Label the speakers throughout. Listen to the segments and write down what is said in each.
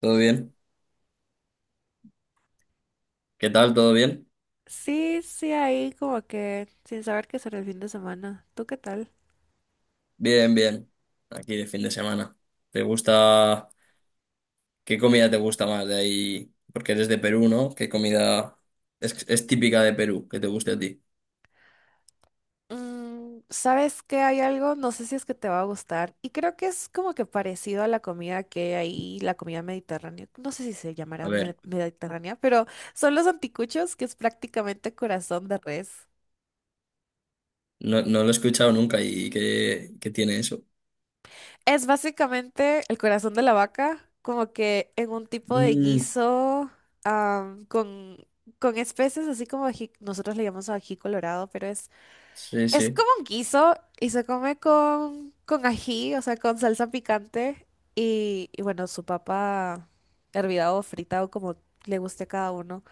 Speaker 1: ¿Todo bien? ¿Qué tal? ¿Todo bien?
Speaker 2: Sí, sí, ahí como que sin saber qué será el fin de semana. ¿Tú qué tal?
Speaker 1: Bien, bien. Aquí de fin de semana. ¿Te gusta? ¿Qué comida te gusta más de ahí? Porque eres de Perú, ¿no? ¿Qué comida es típica de Perú que te guste a ti?
Speaker 2: ¿Sabes qué? Hay algo, no sé si es que te va a gustar, y creo que es como que parecido a la comida que hay ahí, la comida mediterránea, no sé si se
Speaker 1: A
Speaker 2: llamará
Speaker 1: ver,
Speaker 2: mediterránea, pero son los anticuchos, que es prácticamente corazón de res.
Speaker 1: no, no lo he escuchado nunca y ¿qué tiene eso?
Speaker 2: Es básicamente el corazón de la vaca, como que en un tipo de
Speaker 1: Mm,
Speaker 2: guiso, am, con, con especies, así como nosotros le llamamos ají colorado, pero
Speaker 1: sí,
Speaker 2: es
Speaker 1: sí.
Speaker 2: como un guiso y se come con ají, o sea, con salsa picante y bueno, su papa hervida o frita o como le guste a cada uno.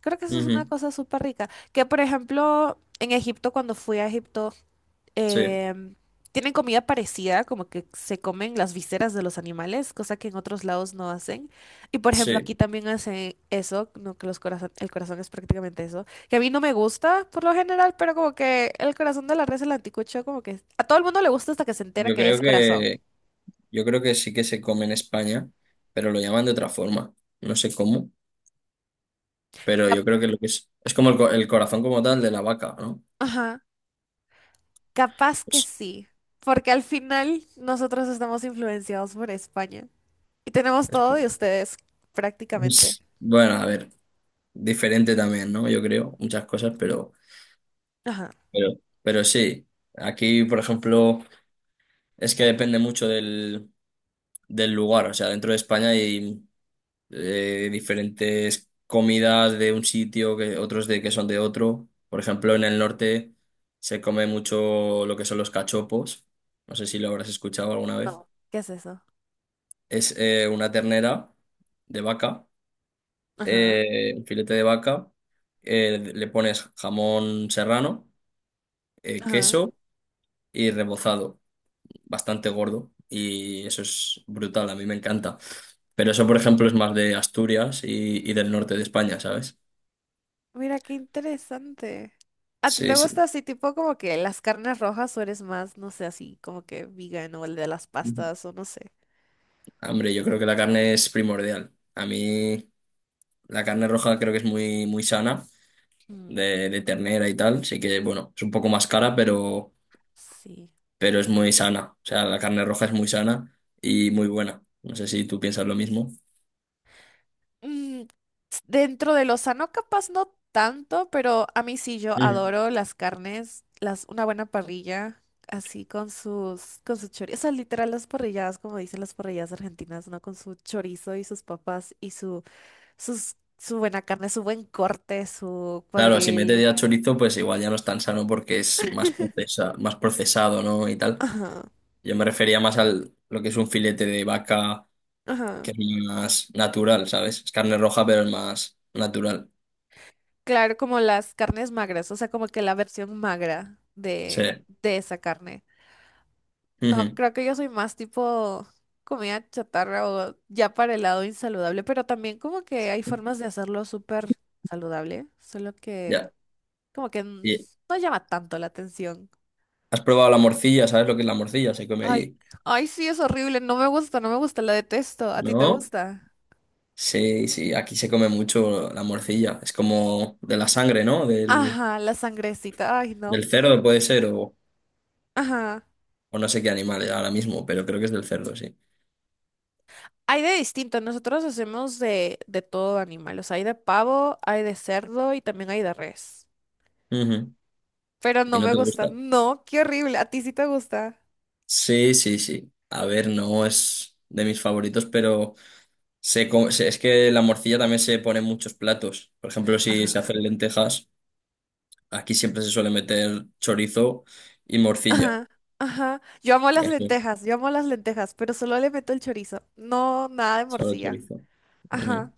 Speaker 2: Creo que eso es una
Speaker 1: Ujú.
Speaker 2: cosa súper rica. Que por ejemplo, en Egipto, cuando fui a Egipto,
Speaker 1: Sí,
Speaker 2: em, tienen comida parecida, como que se comen las vísceras de los animales, cosa que en otros lados no hacen. Y por ejemplo,
Speaker 1: sí.
Speaker 2: aquí también hacen eso, no que los corazón, el corazón es prácticamente eso, que a mí no me gusta por lo general, pero como que el corazón de la res, el anticucho, como que a todo el mundo le gusta hasta que se entera
Speaker 1: Yo
Speaker 2: que es
Speaker 1: creo
Speaker 2: corazón.
Speaker 1: que, yo creo que sí que se come en España, pero lo llaman de otra forma. No sé cómo, pero
Speaker 2: Cap-
Speaker 1: yo creo que lo que es como el, co-
Speaker 2: Mm.
Speaker 1: el corazón como tal de la vaca, ¿no?
Speaker 2: Ajá, capaz que
Speaker 1: Pues.
Speaker 2: sí, porque al final nosotros estamos influenciados por España y tenemos todo de ustedes prácticamente.
Speaker 1: Bueno, a ver, diferente también, ¿no? Yo creo, muchas cosas,
Speaker 2: Ajá,
Speaker 1: pero, pero sí. Aquí, por ejemplo, es que depende mucho del lugar. O sea, dentro de España hay diferentes comidas de un sitio, que otros de que son de otro. Por ejemplo, en el norte se come mucho lo que son los cachopos. No sé si lo habrás escuchado alguna vez.
Speaker 2: no, ¿qué es eso?
Speaker 1: Es una ternera de vaca,
Speaker 2: Ajá.
Speaker 1: un filete de vaca, le pones jamón serrano,
Speaker 2: Ajá.
Speaker 1: queso y rebozado, bastante gordo. Y eso es brutal, a mí me encanta. Pero eso, por ejemplo, es más de Asturias y del norte de España, ¿sabes?
Speaker 2: Mira, qué interesante. ¿A ti te
Speaker 1: Sí,
Speaker 2: gusta
Speaker 1: sí.
Speaker 2: así tipo como que las carnes rojas o eres más, no sé, así como que vegan o el de las
Speaker 1: Ujú.
Speaker 2: pastas o no sé?
Speaker 1: Hombre, yo creo que la carne es primordial. A mí la carne roja creo que es muy, muy sana,
Speaker 2: Mm,
Speaker 1: de ternera y tal. Sí que, bueno, es un poco más cara, pero...
Speaker 2: sí.
Speaker 1: pero es muy sana. O sea, la carne roja es muy sana y muy buena. No sé si tú piensas lo mismo.
Speaker 2: Mm, dentro de lo sano capaz no tanto, pero a mí sí yo
Speaker 1: Ujú.
Speaker 2: adoro las carnes, las, una buena parrilla, así con sus, con su chorizo, o sea, literal las parrilladas, como dicen las parrilladas argentinas, ¿no? Con su chorizo y sus papas y su buena carne, su buen corte, su
Speaker 1: Claro, si metes
Speaker 2: cuadril.
Speaker 1: ya chorizo, pues igual ya no es tan sano porque es más procesado, ¿no? Y tal.
Speaker 2: Ajá,
Speaker 1: Yo me refería más al lo que es un filete de vaca,
Speaker 2: ajá.
Speaker 1: que es más natural, ¿sabes? Es carne roja, pero es más natural.
Speaker 2: Claro, como las carnes magras, o sea, como que la versión magra
Speaker 1: Sí.
Speaker 2: de esa carne. No,
Speaker 1: Ujú.
Speaker 2: creo que yo soy más tipo comida chatarra o ya para el lado insaludable, pero también como que hay formas de hacerlo súper saludable, solo que
Speaker 1: Ya.
Speaker 2: como que n-
Speaker 1: ¿Y
Speaker 2: no llama tanto la atención.
Speaker 1: has probado la morcilla? ¿Sabes lo que es la morcilla? Se come
Speaker 2: Ay,
Speaker 1: allí.
Speaker 2: ay, sí, es horrible, no me gusta, no me gusta, la detesto. ¿A ti te
Speaker 1: ¿No?
Speaker 2: gusta?
Speaker 1: Sí, sí, aquí se come mucho la morcilla. Es como de la sangre, ¿no? Del,
Speaker 2: Ajá, la sangrecita, ay,
Speaker 1: Del
Speaker 2: no.
Speaker 1: cerdo puede ser, o,
Speaker 2: Ajá.
Speaker 1: o no sé qué animal ahora mismo, pero creo que es del cerdo, sí.
Speaker 2: Hay de distinto, nosotros hacemos de todo animal, o sea, hay de pavo, hay de cerdo y también hay de res.
Speaker 1: Ujú.
Speaker 2: Pero
Speaker 1: ¿Y
Speaker 2: no
Speaker 1: no
Speaker 2: me
Speaker 1: te
Speaker 2: gusta,
Speaker 1: gusta?
Speaker 2: no, qué horrible, a ti sí te gusta.
Speaker 1: Sí, sí, sí. A ver, no es de mis favoritos, pero es que la morcilla también se pone en muchos platos. Por ejemplo, si
Speaker 2: Ajá,
Speaker 1: se hacen lentejas, aquí siempre se suele meter chorizo y morcilla.
Speaker 2: ajá, ajá. Yo amo las
Speaker 1: Eso,
Speaker 2: lentejas, yo amo las lentejas, pero solo le meto el chorizo, no, nada de
Speaker 1: solo
Speaker 2: morcilla.
Speaker 1: chorizo.
Speaker 2: Ajá,
Speaker 1: Ujú.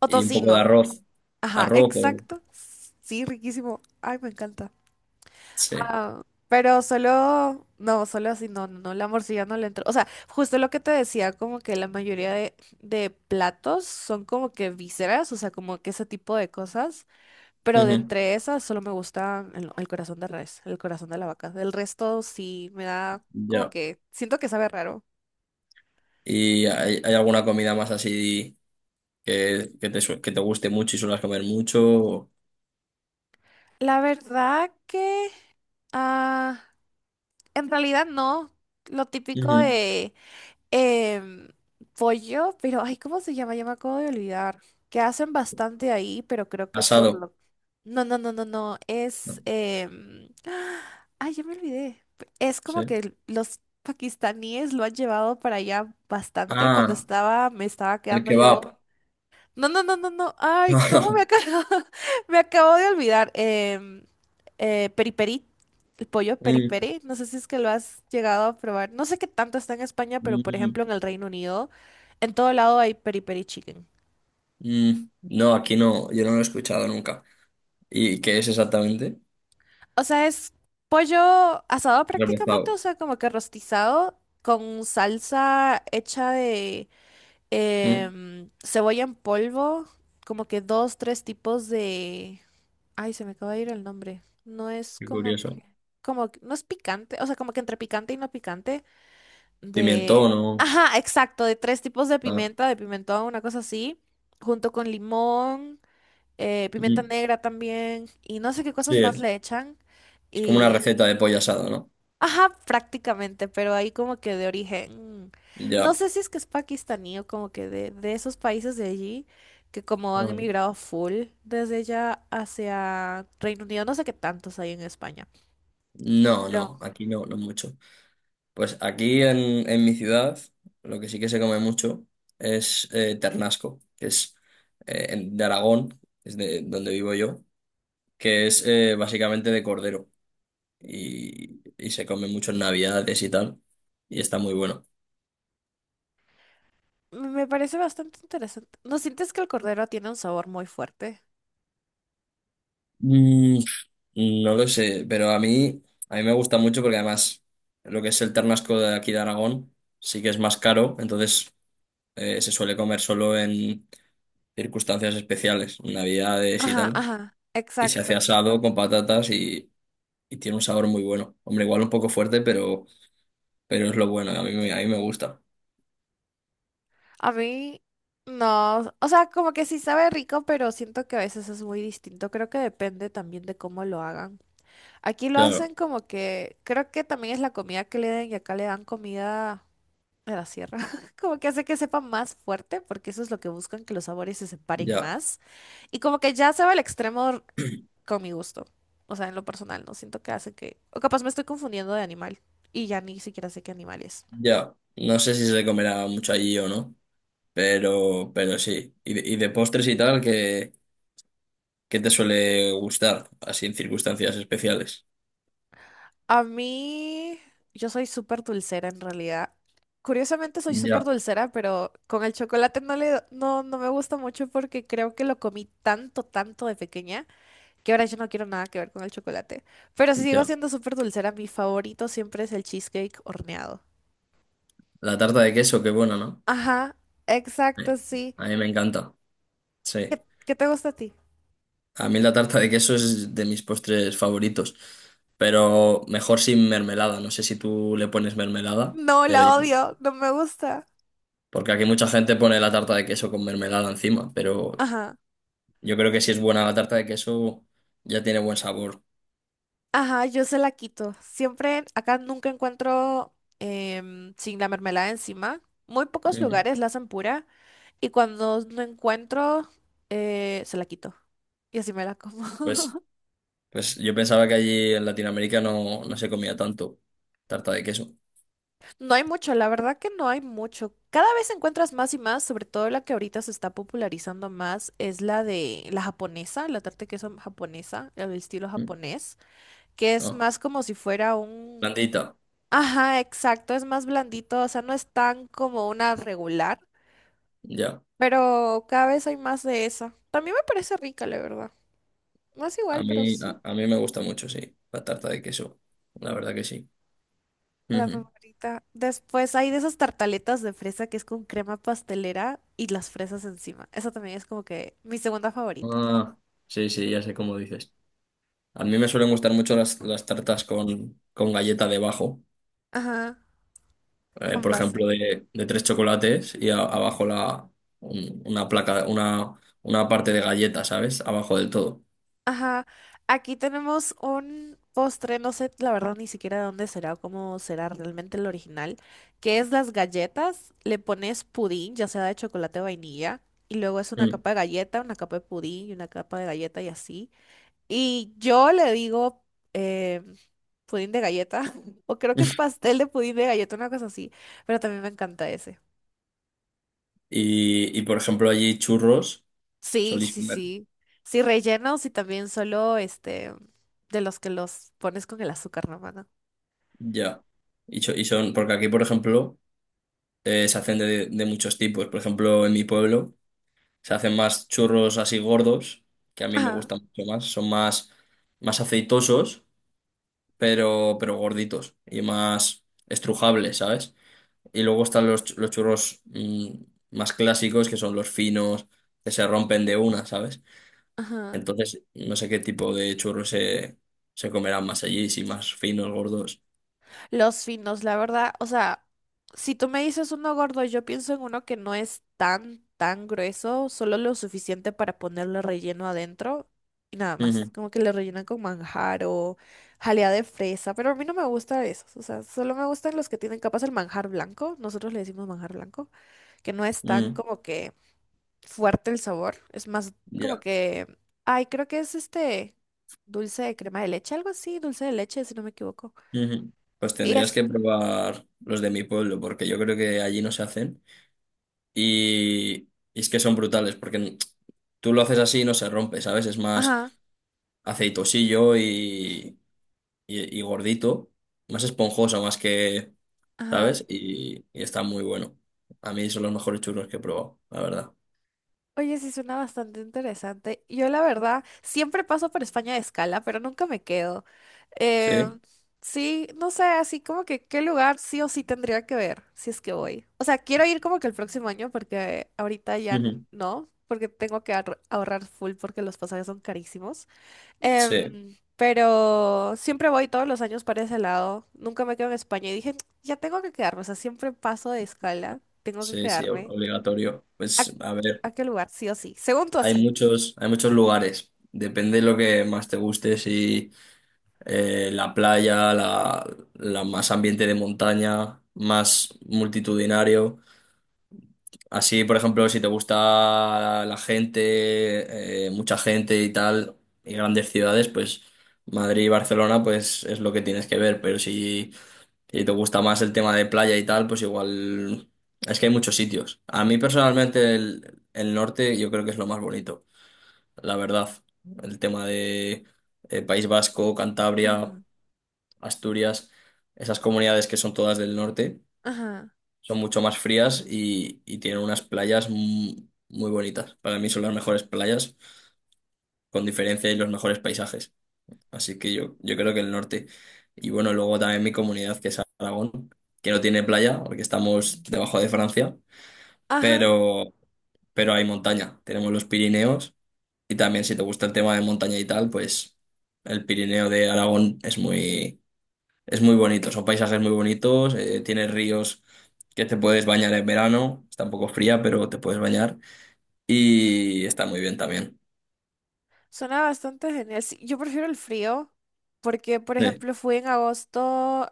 Speaker 2: o
Speaker 1: Y un poco de
Speaker 2: tocino,
Speaker 1: arroz.
Speaker 2: ajá,
Speaker 1: Arroz,
Speaker 2: exacto, sí, riquísimo, ay, me encanta.
Speaker 1: sí.
Speaker 2: Ah, pero solo, no, solo así, no, no, no, la morcilla no le entró. O sea, justo lo que te decía, como que la mayoría de platos son como que vísceras, o sea, como que ese tipo de cosas, pero de
Speaker 1: Ujú.
Speaker 2: entre esas solo me gusta el corazón de res, el corazón de la vaca. El resto sí me da como
Speaker 1: Ya.
Speaker 2: que, siento que sabe raro.
Speaker 1: ¿Y hay alguna comida más así, que te guste mucho y suelas comer mucho?
Speaker 2: La verdad ah, en realidad no, lo típico
Speaker 1: Ujú.
Speaker 2: em, pollo, pero ay, ¿cómo se llama? Ya me acabo de olvidar. Que hacen bastante ahí, pero creo que por
Speaker 1: Asado.
Speaker 2: lo... No, no, no, no, no. Es...
Speaker 1: ¿No?
Speaker 2: Ay, ya me olvidé. Es como
Speaker 1: Sí.
Speaker 2: que los pakistaníes lo han llevado para allá bastante. Cuando
Speaker 1: Ah,
Speaker 2: estaba, me estaba
Speaker 1: el
Speaker 2: quedando yo.
Speaker 1: kebab.
Speaker 2: No, no, no, no, no. Ay, ¿cómo me acabo? Me acabo de olvidar. Periperi, el pollo
Speaker 1: Mm,
Speaker 2: periperi. No sé si es que lo has llegado a probar. No sé qué tanto está en España, pero por
Speaker 1: mm,
Speaker 2: ejemplo en el Reino Unido, en todo lado hay periperi chicken.
Speaker 1: mm. No, aquí no, yo no lo he escuchado nunca. ¿Y qué es exactamente?
Speaker 2: O sea, es pollo asado prácticamente, o
Speaker 1: Repezado.
Speaker 2: sea, como que rostizado con salsa hecha de
Speaker 1: Mm,
Speaker 2: cebolla en polvo, como que dos, tres tipos de Ay, se me acaba de ir el nombre. No es
Speaker 1: Qué
Speaker 2: como
Speaker 1: curioso.
Speaker 2: que, no es picante, o sea, como que entre picante y no picante, de,
Speaker 1: Pimentón o...
Speaker 2: ajá, exacto, de tres tipos de
Speaker 1: Ah,
Speaker 2: pimienta, de pimentón, una cosa así, junto con limón, pimienta
Speaker 1: mm.
Speaker 2: negra también, y no sé qué cosas
Speaker 1: Sí,
Speaker 2: más
Speaker 1: es
Speaker 2: le echan.
Speaker 1: es como una receta de pollo asado, ¿no?
Speaker 2: Ajá, prácticamente, pero ahí como que de origen, no
Speaker 1: Ya.
Speaker 2: sé si es que es pakistaní o como que de esos países de allí, que como han
Speaker 1: Ajá.
Speaker 2: emigrado full desde ya hacia Reino Unido, no sé qué tantos hay en España,
Speaker 1: No,
Speaker 2: pero
Speaker 1: no, aquí no, no mucho. Pues aquí en mi ciudad lo que sí que se come mucho es ternasco, que es de Aragón, es de donde vivo yo, que es básicamente de cordero, y se come mucho en Navidades y tal, y está muy bueno.
Speaker 2: me parece bastante interesante. ¿No sientes que el cordero tiene un sabor muy fuerte?
Speaker 1: Mm, no lo sé, pero a mí me gusta mucho porque además lo que es el ternasco de aquí de Aragón sí que es más caro, entonces se suele comer solo en circunstancias especiales, Navidades y
Speaker 2: Ajá,
Speaker 1: tal.
Speaker 2: ajá,
Speaker 1: Y se hace
Speaker 2: exacto.
Speaker 1: asado con patatas, y tiene un sabor muy bueno. Hombre, igual un poco fuerte, pero es lo bueno. A mí me gusta.
Speaker 2: A mí no, o sea, como que sí sabe rico, pero siento que a veces es muy distinto. Creo que depende también de cómo lo hagan. Aquí lo
Speaker 1: Claro,
Speaker 2: hacen como que, creo que también es la comida que le den y acá le dan comida de la sierra, como que hace que sepa más fuerte, porque eso es lo que buscan, que los sabores se separen
Speaker 1: ya,
Speaker 2: más. Y como que ya se va al extremo con mi gusto, o sea, en lo personal, no siento que hace que, o capaz me estoy confundiendo de animal y ya ni siquiera sé qué animal es.
Speaker 1: ya. No sé si se comerá mucho allí o no, pero sí. Y de postres y tal, ¿qué te suele gustar? Así en circunstancias especiales.
Speaker 2: A mí, yo soy súper dulcera en realidad. Curiosamente soy súper
Speaker 1: Ya,
Speaker 2: dulcera, pero con el chocolate no le, no, no me gusta mucho porque creo que lo comí tanto, tanto de pequeña que ahora yo no quiero nada que ver con el chocolate. Pero si sigo
Speaker 1: ya.
Speaker 2: siendo súper dulcera, mi favorito siempre es el cheesecake horneado.
Speaker 1: La tarta de queso, qué buena, ¿no?
Speaker 2: Ajá, exacto,
Speaker 1: Eh,
Speaker 2: sí.
Speaker 1: A mí me encanta. Sí.
Speaker 2: ¿Qué, qué te gusta a ti?
Speaker 1: A mí la tarta de queso es de mis postres favoritos, pero mejor sin mermelada. No sé si tú le pones mermelada,
Speaker 2: No, la
Speaker 1: pero yo-
Speaker 2: odio, no me gusta.
Speaker 1: porque aquí mucha gente pone la tarta de queso con mermelada encima, pero
Speaker 2: Ajá,
Speaker 1: yo creo que si es buena la tarta de queso ya tiene buen sabor.
Speaker 2: ajá, yo se la quito. Siempre, acá nunca encuentro sin la mermelada encima. Muy pocos
Speaker 1: Mm.
Speaker 2: lugares la hacen pura. Y cuando no encuentro, se la quito. Y así me la como.
Speaker 1: Pues, pues yo pensaba que allí en Latinoamérica no se comía tanto tarta de queso.
Speaker 2: No hay mucho, la verdad que no hay mucho. Cada vez encuentras más y más, sobre todo la que ahorita se está popularizando más, es la de la japonesa, la tarta de queso japonesa, el estilo
Speaker 1: Mm.
Speaker 2: japonés, que es
Speaker 1: No,
Speaker 2: más como si fuera un...
Speaker 1: blandita,
Speaker 2: Ajá, exacto, es más blandito, o sea, no es tan como una regular,
Speaker 1: ya.
Speaker 2: pero cada vez hay más de esa. También me parece rica, la verdad. No es
Speaker 1: A
Speaker 2: igual, pero
Speaker 1: mí,
Speaker 2: sí.
Speaker 1: a, a mí me gusta mucho, sí, la tarta de queso. La verdad que sí.
Speaker 2: La
Speaker 1: Ujú.
Speaker 2: favorita. Después hay de esas tartaletas de fresa que es con crema pastelera y las fresas encima. Esa también es como que mi segunda favorita.
Speaker 1: Ah, sí, sí, ya sé cómo dices. A mí me suelen gustar mucho las tartas con galleta debajo.
Speaker 2: Ajá, con
Speaker 1: Por
Speaker 2: base.
Speaker 1: ejemplo, de tres chocolates y abajo una placa, una parte de galleta, ¿sabes? Abajo del todo.
Speaker 2: Ajá. Aquí tenemos un postre, no sé la verdad ni siquiera de dónde será o cómo será realmente el original, que es las galletas. Le pones pudín, ya sea de chocolate o vainilla, y luego es una
Speaker 1: Mm.
Speaker 2: capa de galleta, una capa de pudín y una capa de galleta y así. Y yo le digo eh, pudín de galleta, o creo que es pastel de pudín de galleta, una cosa así, pero también me encanta ese.
Speaker 1: Y, por ejemplo, allí churros
Speaker 2: Sí,
Speaker 1: solís
Speaker 2: sí,
Speaker 1: comer.
Speaker 2: sí. Sí, rellenos y también solo este de los que los pones con el azúcar, hermano.
Speaker 1: Ya. Y son, porque aquí, por ejemplo, se hacen de muchos tipos. Por ejemplo, en mi pueblo. Se hacen más churros así gordos, que a mí me
Speaker 2: Ajá,
Speaker 1: gustan mucho más. Son más aceitosos, pero gorditos y más estrujables, ¿sabes? Y luego están los churros más clásicos, que son los finos, que se rompen de una, ¿sabes?
Speaker 2: ajá.
Speaker 1: Entonces, no sé qué tipo de churros se comerán más allí, si más finos, gordos.
Speaker 2: Los finos, la verdad, o sea, si tú me dices uno gordo, yo pienso en uno que no es tan, tan grueso, solo lo suficiente para ponerle relleno adentro y nada más.
Speaker 1: Ujú,
Speaker 2: Como que le rellenan con manjar o jalea de fresa, pero a mí no me gusta esos, o sea, solo me gustan los que tienen capas el manjar blanco, nosotros le decimos manjar blanco, que no es tan
Speaker 1: ujú,
Speaker 2: como que fuerte el sabor, es más como
Speaker 1: ya.
Speaker 2: que, ay, creo que es este dulce de crema de leche, algo así, dulce de leche, si no me equivoco.
Speaker 1: Ujú. Pues
Speaker 2: Y
Speaker 1: tendrías
Speaker 2: es,
Speaker 1: que probar los de mi pueblo, porque yo creo que allí no se hacen. Y, y es que son brutales, porque tú lo haces así y no se rompe, ¿sabes? Es más
Speaker 2: ajá.
Speaker 1: aceitosillo y gordito, más esponjoso, más que,
Speaker 2: Ajá.
Speaker 1: ¿sabes? Y está muy bueno. A mí son los mejores churros que he probado, la verdad.
Speaker 2: Oye, sí suena bastante interesante. Yo la verdad siempre paso por España de escala, pero nunca me quedo. Eh,
Speaker 1: ¿Sí?
Speaker 2: sí, no sé, así como que qué lugar sí o sí tendría que ver si es que voy. O sea, quiero ir como que el próximo año porque ahorita ya
Speaker 1: Ujú.
Speaker 2: no, porque tengo que ahorrar full porque los pasajes son carísimos.
Speaker 1: Sí,
Speaker 2: Pero siempre voy todos los años para ese lado. Nunca me quedo en España y dije, ya tengo que quedarme. O sea, siempre paso de escala, tengo que
Speaker 1: sí, sí,
Speaker 2: quedarme.
Speaker 1: obligatorio. Pues
Speaker 2: ¿A,
Speaker 1: a ver,
Speaker 2: a qué lugar? Sí o sí. Según tú,
Speaker 1: hay
Speaker 2: así.
Speaker 1: muchos, hay muchos lugares. Depende de lo que más te guste, si la playa, la más ambiente de montaña, más multitudinario. Así, por ejemplo, si te gusta la gente, mucha gente y tal, y grandes ciudades, pues Madrid y Barcelona, pues es lo que tienes que ver. Pero si te gusta más el tema de playa y tal, pues igual es que hay muchos sitios. A mí personalmente el norte yo creo que es lo más bonito, la verdad. El tema de País Vasco,
Speaker 2: Ajá,
Speaker 1: Cantabria. Asturias, esas comunidades que son todas del norte,
Speaker 2: ajá,
Speaker 1: son mucho más frías y tienen unas playas muy bonitas. Para mí son las mejores playas, con diferencia, y los mejores paisajes. Así que yo creo que el norte. Y bueno, luego también mi comunidad, que es Aragón, que no tiene playa, porque estamos debajo de Francia,
Speaker 2: ajá.
Speaker 1: pero, pero hay montaña. Tenemos los Pirineos y también si te gusta el tema de montaña y tal, pues el Pirineo de Aragón es muy bonito, son paisajes muy bonitos, tiene ríos que te puedes bañar en verano, está un poco fría, pero te puedes bañar y está muy bien también.
Speaker 2: Suena bastante genial. Sí, yo prefiero el frío porque, por
Speaker 1: Sí.
Speaker 2: ejemplo, fui en agosto,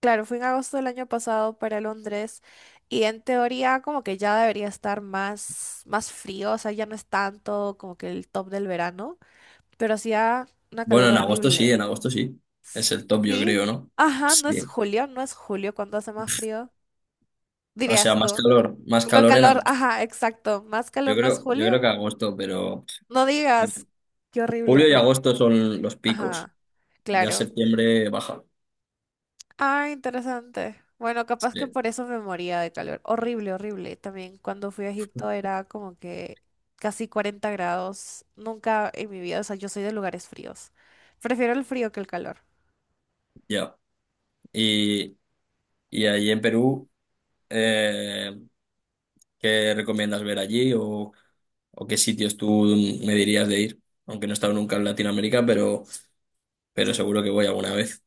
Speaker 2: claro, fui en agosto del año pasado para Londres y en teoría como que ya debería estar más, más frío, o sea, ya no es tanto como que el top del verano, pero hacía una
Speaker 1: Bueno,
Speaker 2: calor
Speaker 1: en agosto sí, en
Speaker 2: horrible.
Speaker 1: agosto sí. Es el top, yo creo,
Speaker 2: Sí.
Speaker 1: ¿no?
Speaker 2: Ajá, no es
Speaker 1: Sí.
Speaker 2: julio, no es julio cuando hace más frío,
Speaker 1: O sea,
Speaker 2: dirías tú.
Speaker 1: más
Speaker 2: Con
Speaker 1: calor en
Speaker 2: calor,
Speaker 1: agosto.
Speaker 2: ajá, exacto. ¿Más
Speaker 1: Yo
Speaker 2: calor no es
Speaker 1: creo, yo creo
Speaker 2: julio?
Speaker 1: que agosto, pero
Speaker 2: No
Speaker 1: vale.
Speaker 2: digas, qué horrible.
Speaker 1: Julio y agosto son los picos.
Speaker 2: Ajá,
Speaker 1: Ya
Speaker 2: claro.
Speaker 1: septiembre baja.
Speaker 2: Ah, interesante. Bueno, capaz que
Speaker 1: Sí,
Speaker 2: por eso me moría de calor. Horrible, horrible. También cuando fui a Egipto era como que casi 40 grados. Nunca en mi vida, o sea, yo soy de lugares fríos. Prefiero el frío que el calor.
Speaker 1: ya. Y, y ahí en Perú, eh, ¿qué recomiendas ver allí? O qué sitios tú me dirías de ir, aunque no he estado nunca en Latinoamérica, pero seguro que voy alguna vez?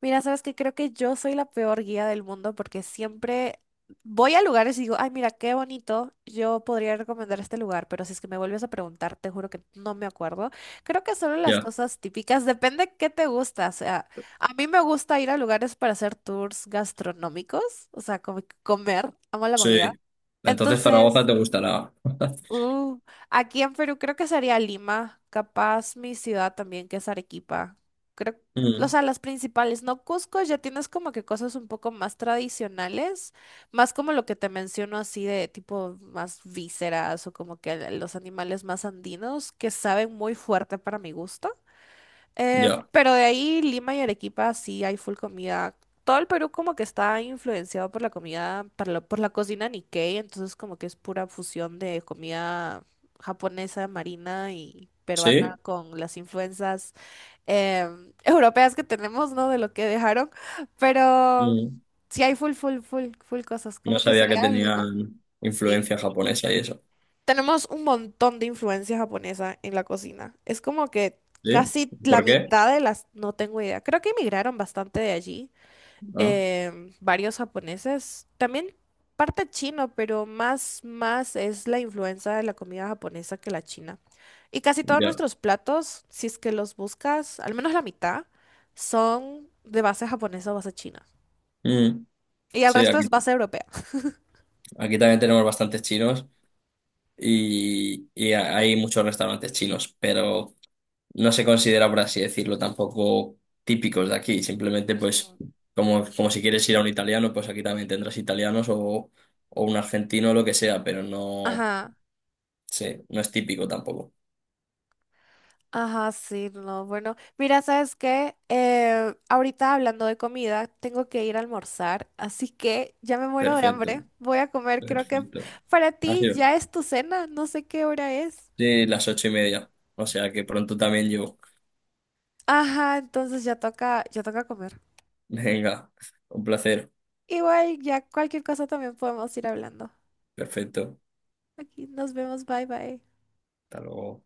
Speaker 2: Mira, sabes que creo que yo soy la peor guía del mundo porque siempre voy a lugares y digo, ay, mira, qué bonito, yo podría recomendar este lugar, pero si es que me vuelves a preguntar, te juro que no me acuerdo. Creo que solo las
Speaker 1: Ya,
Speaker 2: cosas típicas, depende qué te gusta. O sea, a mí me gusta ir a lugares para hacer tours gastronómicos, o sea, como comer, amo la comida.
Speaker 1: sí. Entonces Zaragoza
Speaker 2: Entonces,
Speaker 1: te gustará.
Speaker 2: Uh, aquí en Perú creo que sería Lima, capaz mi ciudad también, que es Arequipa. Creo, o
Speaker 1: Mm,
Speaker 2: sea, las principales, ¿no? Cusco ya tienes como que cosas un poco más tradicionales, más como lo que te menciono así de tipo más vísceras o como que los animales más andinos que saben muy fuerte para mi gusto.
Speaker 1: ya,
Speaker 2: Pero de ahí Lima y Arequipa sí hay full comida. Todo el Perú como que está influenciado por la comida, por la cocina Nikkei, entonces como que es pura fusión de comida japonesa, marina y
Speaker 1: sí.
Speaker 2: peruana con las influencias europeas que tenemos, ¿no? De lo que dejaron. Pero
Speaker 1: Mm,
Speaker 2: sí hay full, full, full, full cosas.
Speaker 1: no
Speaker 2: Como que
Speaker 1: sabía que
Speaker 2: sería Lima.
Speaker 1: tenían
Speaker 2: Sí.
Speaker 1: influencia japonesa y eso.
Speaker 2: Tenemos un montón de influencia japonesa en la cocina. Es como que
Speaker 1: ¿Sí?
Speaker 2: casi la
Speaker 1: ¿Por qué?
Speaker 2: mitad de las, no tengo idea. Creo que emigraron bastante de allí.
Speaker 1: Ah,
Speaker 2: Varios japoneses. También parte chino, pero más es la influencia de la comida japonesa que la china. Y casi todos
Speaker 1: ya.
Speaker 2: nuestros platos, si es que los buscas, al menos la mitad, son de base japonesa o base china.
Speaker 1: Mm,
Speaker 2: Y el
Speaker 1: sí,
Speaker 2: resto
Speaker 1: aquí,
Speaker 2: es base europea.
Speaker 1: aquí también tenemos bastantes chinos y hay muchos restaurantes chinos, pero no se considera, por así decirlo, tampoco típicos de aquí. Simplemente, pues, como si quieres ir a un italiano, pues aquí también tendrás italianos o un argentino o lo que sea, pero no,
Speaker 2: Ajá.
Speaker 1: sí, no es típico tampoco.
Speaker 2: Ajá, sí, no, bueno, mira, ¿sabes qué? Ahorita hablando de comida, tengo que ir a almorzar, así que ya me muero de
Speaker 1: Perfecto,
Speaker 2: hambre. Voy a comer, creo que
Speaker 1: perfecto.
Speaker 2: para
Speaker 1: Ha
Speaker 2: ti
Speaker 1: sido
Speaker 2: ya es tu cena, no sé qué hora es.
Speaker 1: de las 8:30, o sea que pronto también yo.
Speaker 2: Ajá, entonces ya toca comer.
Speaker 1: Venga, un placer.
Speaker 2: Igual, ya cualquier cosa también podemos ir hablando.
Speaker 1: Perfecto.
Speaker 2: Aquí nos vemos, bye bye.
Speaker 1: Hasta luego.